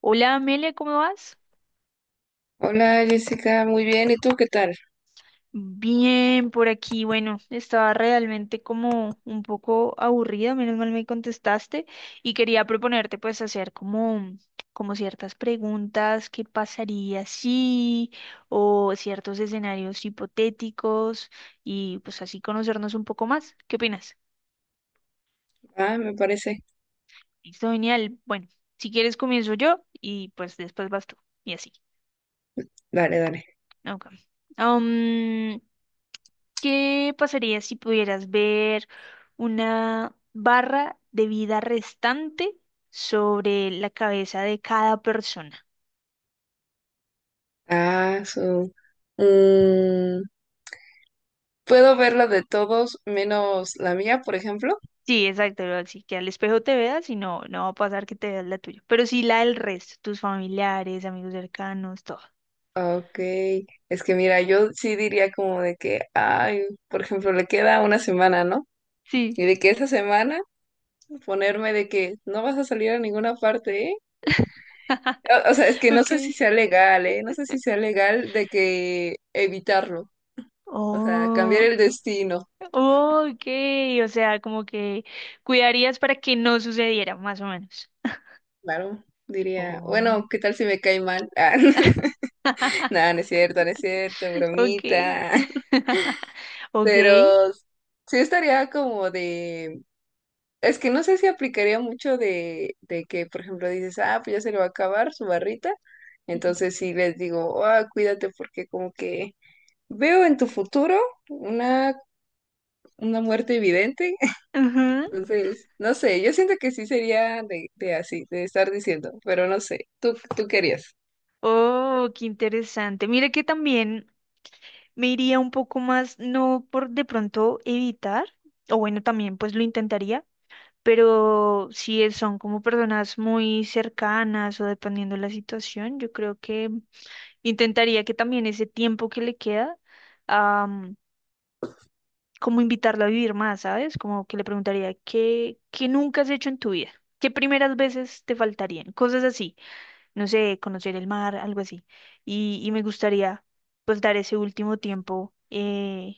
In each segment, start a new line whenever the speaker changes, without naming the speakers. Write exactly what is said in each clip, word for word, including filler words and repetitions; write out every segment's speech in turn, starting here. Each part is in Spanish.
Hola Amelia, ¿cómo vas?
Hola Jessica, muy bien. ¿Y tú qué tal?
Bien, por aquí, bueno, estaba realmente como un poco aburrida, menos mal me contestaste y quería proponerte pues hacer como, como ciertas preguntas, qué pasaría si, o ciertos escenarios hipotéticos y pues así conocernos un poco más. ¿Qué opinas?
Ah, me parece.
Listo, genial. Bueno, si quieres comienzo yo y pues después vas tú y así.
Dale, dale.
Ok. ¿Qué pasaría si pudieras ver una barra de vida restante sobre la cabeza de cada persona?
Ah, su. Mm, ¿puedo ver la de todos menos la mía, por ejemplo?
Sí, exacto, ¿no? Así que al espejo te veas y no, no va a pasar que te veas la tuya, pero sí la del resto, tus familiares, amigos cercanos, todo.
Ok. Es que mira, yo sí diría como de que, ay, por ejemplo, le queda una semana, ¿no? Y
Sí,
de que esa semana ponerme de que no vas a salir a ninguna parte, ¿eh? O, o sea, es que no
ok.
sé si sea legal, ¿eh? No sé si sea legal de que evitarlo. O sea, cambiar
Oh,
el destino.
ok, o sea, como que cuidarías para que no sucediera, más o menos.
Claro, diría,
Oh.
bueno, ¿qué tal si me cae mal? Ah, nada, no es cierto, no es cierto,
Okay,
bromita.
ok.
Pero sí estaría como de, es que no sé si aplicaría mucho de, de que, por ejemplo, dices, ah, pues ya se le va a acabar su barrita.
Ujú.
Entonces sí les digo, ah, cuídate porque como que veo en tu futuro una, una muerte evidente.
Ujú.
Entonces, no sé, yo siento que sí sería de, de así, de estar diciendo, pero no sé, ¿tú, tú querías?
Oh, qué interesante. Mira que también me iría un poco más, no por de pronto evitar, o bueno, también pues lo intentaría, pero si es- son como personas muy cercanas o dependiendo de la situación, yo creo que intentaría que también ese tiempo que le queda, como invitarlo a vivir más, ¿sabes? Como que le preguntaría, ¿qué, qué nunca has hecho en tu vida? ¿Qué primeras veces te faltarían? Cosas así, no sé, conocer el mar, algo así. Y, y me gustaría, pues, dar ese último tiempo, eh,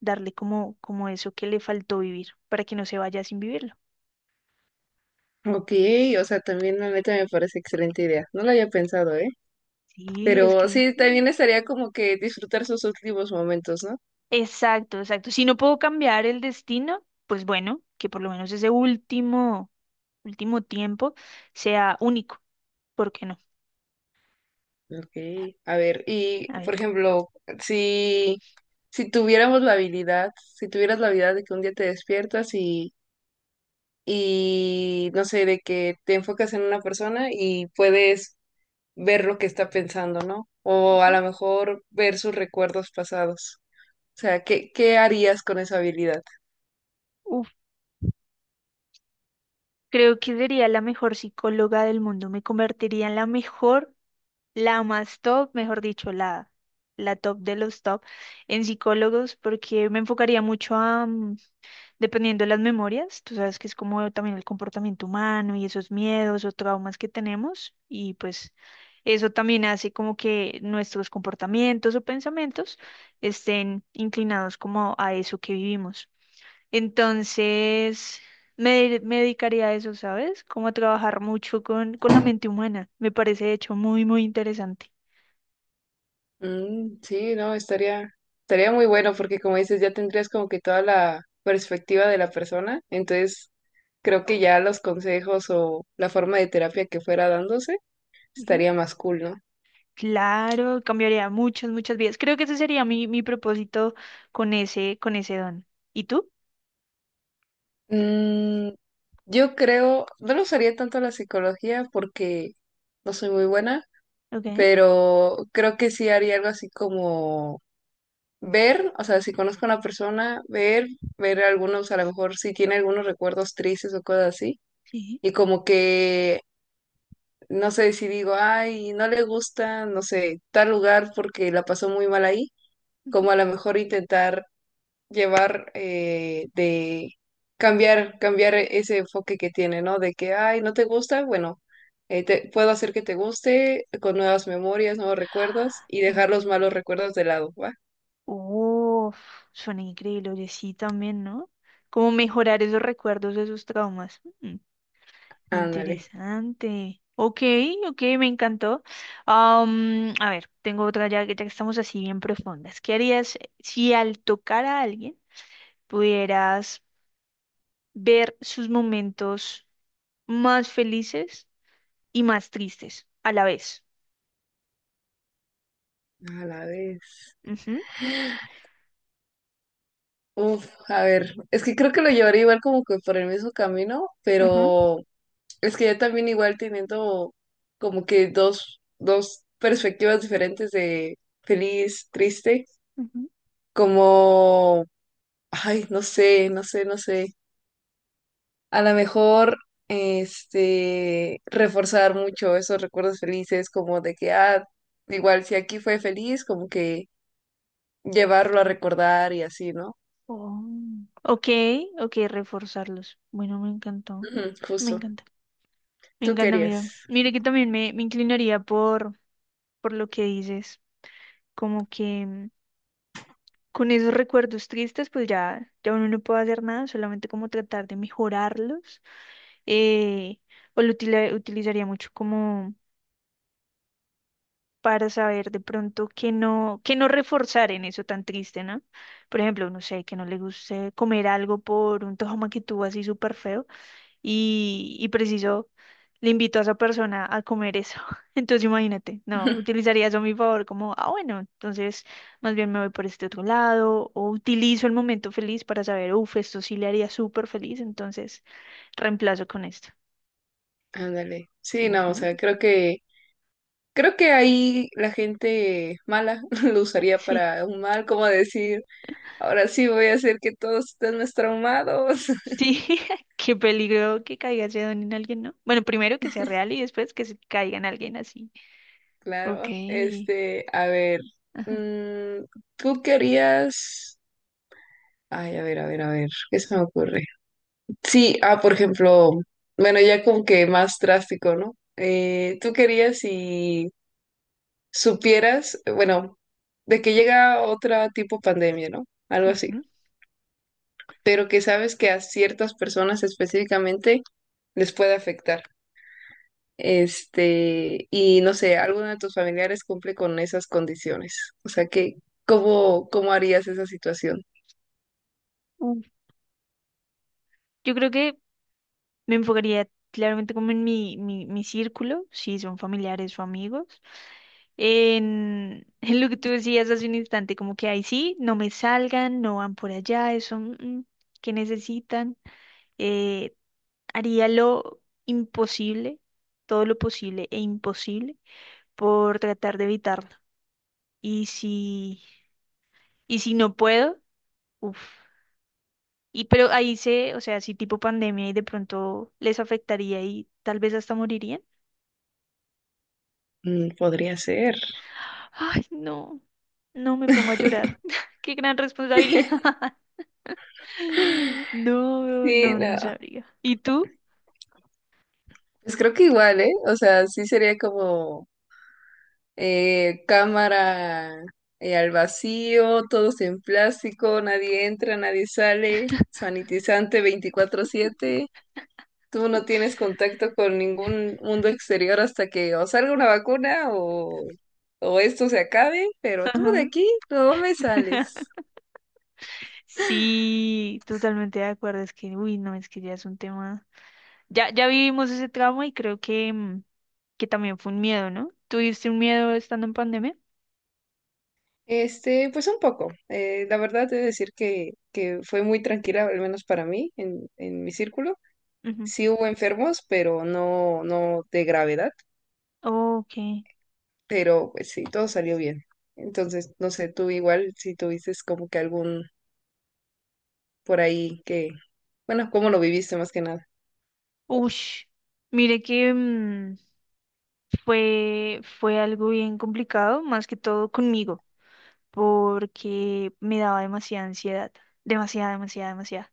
darle como, como eso que le faltó vivir, para que no se vaya sin vivirlo.
Ok, o sea, también la neta me parece excelente idea. No lo había pensado, ¿eh?
Sí, es
Pero
que...
sí, también estaría como que disfrutar sus últimos momentos, ¿no?
Exacto, exacto. Si no puedo cambiar el destino, pues bueno, que por lo menos ese último, último tiempo sea único. ¿Por qué no?
Ok, a ver, y
A ver.
por ejemplo, si, si tuviéramos la habilidad, si tuvieras la habilidad de que un día te despiertas y, y no sé, de que te enfocas en una persona y puedes ver lo que está pensando, ¿no? O a
Ujú.
lo mejor ver sus recuerdos pasados. O sea, ¿qué, qué harías con esa habilidad?
Uf, creo que sería la mejor psicóloga del mundo. Me convertiría en la mejor, la más top, mejor dicho, la, la top de los top en psicólogos, porque me enfocaría mucho a, mm, dependiendo de las memorias, tú sabes que es como también el comportamiento humano y esos miedos o traumas que tenemos, y pues eso también hace como que nuestros comportamientos o pensamientos estén inclinados como a eso que vivimos. Entonces, me, me dedicaría a eso, ¿sabes? Como a trabajar mucho con, con la mente humana. Me parece, de hecho, muy, muy interesante.
Mm, sí, no, estaría, estaría muy bueno porque como dices, ya tendrías como que toda la perspectiva de la persona, entonces creo que ya los consejos o la forma de terapia que fuera dándose
Ujú.
estaría más cool, ¿no?
Claro, cambiaría muchas, muchas vidas. Creo que ese sería mi, mi propósito con ese, con ese don. ¿Y tú?
Mm, yo creo, no lo usaría tanto la psicología porque no soy muy buena,
Ok,
pero creo que sí haría algo así como ver, o sea, si conozco a una persona, ver, ver algunos, a lo mejor si tiene algunos recuerdos tristes o cosas así,
sí.
y como que no sé si digo, ay, no le gusta, no sé, tal lugar porque la pasó muy mal ahí,
Ujú.
como a lo mejor intentar llevar eh, de cambiar, cambiar ese enfoque que tiene, ¿no? De que, ay, no te gusta, bueno, eh, te, puedo hacer que te guste con nuevas memorias, nuevos recuerdos y dejar
Oh,
los malos recuerdos de lado, ¿va?
uf, suena increíble, oye, sí también, ¿no? Como mejorar esos recuerdos, de esos traumas. Mm.
Ándale,
Interesante. Ok, ok, me encantó. Am, a ver, tengo otra ya, que- ya que estamos así bien profundas. ¿Qué harías si al tocar a alguien pudieras ver sus momentos más felices y más tristes a la vez?
a la vez.
Ujú,
Uf, a ver, es que creo que lo llevaría igual como que por el mismo camino,
ujú,
pero es que yo también igual teniendo como que dos, dos perspectivas diferentes de feliz, triste,
ujú.
como, ay, no sé, no sé, no sé. A lo mejor, este, reforzar mucho esos recuerdos felices, como de que, ah, igual si aquí fue feliz, como que llevarlo a recordar y así, ¿no?
Oh. Ok, ok, reforzarlos. Bueno, me encantó.
Ujú,
Me
justo.
encanta. Me
Tú
encanta, mira.
querías.
Mire que también me, me inclinaría por, por lo que dices. Como que... Con esos recuerdos tristes, pues ya, ya uno no puede hacer nada, solamente como tratar de mejorarlos. eh, o lo utila- utilizaría mucho como para saber de pronto que no, que no reforzar en eso tan triste, ¿no? Por ejemplo, no sé, que no le guste comer algo por un tojama que tuvo así súper feo y, y preciso le invito a esa persona a comer eso. Entonces imagínate, no, utilizaría eso a mi favor como, ah, bueno, entonces más bien me voy por este otro lado o utilizo el momento feliz para saber, uff, esto sí le haría súper feliz, entonces reemplazo con esto.
Ándale. Sí, no, o sea,
Ujú,
creo que creo que ahí la gente mala lo usaría
sí.
para un mal, como decir, ahora sí voy a hacer que todos estén más traumados.
Sí, qué peligro que caiga ese don en alguien, ¿no? Bueno, primero que sea real y después que se caiga en alguien así. Ok.
Claro, este, a ver,
Ajá.
mm, tú querías, ay, a ver, a ver, a ver, ¿qué se me ocurre? Sí, ah, por ejemplo, bueno, ya como que más drástico, ¿no? Eh, tú querías si supieras, eh, bueno, de que llega otra tipo pandemia, ¿no? Algo así,
Ujú.
pero que sabes que a ciertas personas específicamente les puede afectar. Este, y no sé, alguno de tus familiares cumple con esas condiciones. O sea que, ¿cómo, cómo harías esa situación?
Uf, yo creo que me enfocaría claramente como en mi, mi, mi círculo, si son familiares o amigos. En, en lo que tú decías hace un instante, como que ahí sí, no me salgan, no van por allá, eso mm, mm, que necesitan. Eh, haría lo imposible, todo lo posible e imposible por tratar de evitarlo. Y si, y si no puedo, uff. Y pero ahí se, o sea, si tipo pandemia y de pronto les afectaría y tal vez hasta morirían.
Mm, podría ser.
Ay, no, no me pongo a llorar. Qué gran responsabilidad. No,
Sí,
no, no
no.
sabría. ¿Y tú?
Pues creo que igual, ¿eh? O sea, sí sería como eh, cámara eh, al vacío, todos en plástico, nadie entra, nadie sale, sanitizante veinticuatro siete. Tú no tienes contacto con ningún mundo exterior hasta que o salga una vacuna o, o esto se acabe, pero tú de
Ajá.
aquí no me sales.
Sí, totalmente de acuerdo. Es que, uy, no, es que ya es un tema. Ya, ya vivimos ese trauma y creo que, mm, que también fue un miedo, ¿no? ¿Tuviste un miedo estando en pandemia?
Este, pues un poco. Eh, la verdad, debo decir que, que fue muy tranquila, al menos para mí, en, en mi círculo.
Ujú.
Sí hubo enfermos, pero no, no de gravedad,
Okay.
pero pues sí, todo salió bien. Entonces, no sé, tú igual, si tuviste como que algún por ahí que, bueno, ¿cómo lo viviste más que nada?
Ush. Mire que mm, fue, fue algo bien complicado, más que todo conmigo, porque me daba demasiada ansiedad, demasiada, demasiada, demasiada.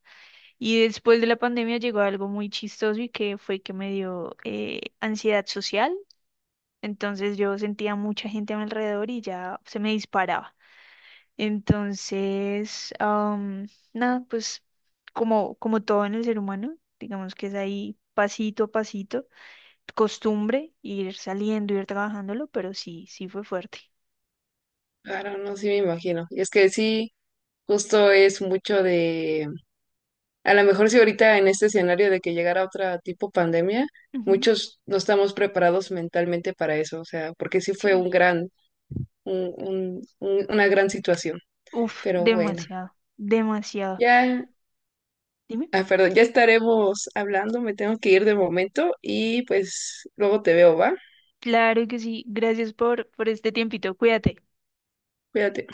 Y después de la pandemia llegó algo muy chistoso y que fue que me dio eh, ansiedad social. Entonces yo sentía mucha gente a mi alrededor y ya se me disparaba. Entonces, am, nada, pues como, como todo en el ser humano, digamos que es ahí pasito a pasito, costumbre, ir saliendo, ir trabajándolo, pero sí, sí fue fuerte.
Claro, no, sí me imagino. Y es que sí, justo es mucho de, a lo mejor si ahorita en este escenario de que llegara otra tipo pandemia,
Ujú,
muchos no estamos preparados mentalmente para eso, o sea, porque sí fue
sí.
un gran, un, un- un- una gran situación.
Uf,
Pero bueno,
demasiado, demasiado.
ya,
Dime.
ah, perdón, ya estaremos hablando, me tengo que ir de momento y pues luego te veo, ¿va?
Claro que sí. Gracias por, por este tiempito. Cuídate.
Cuídate.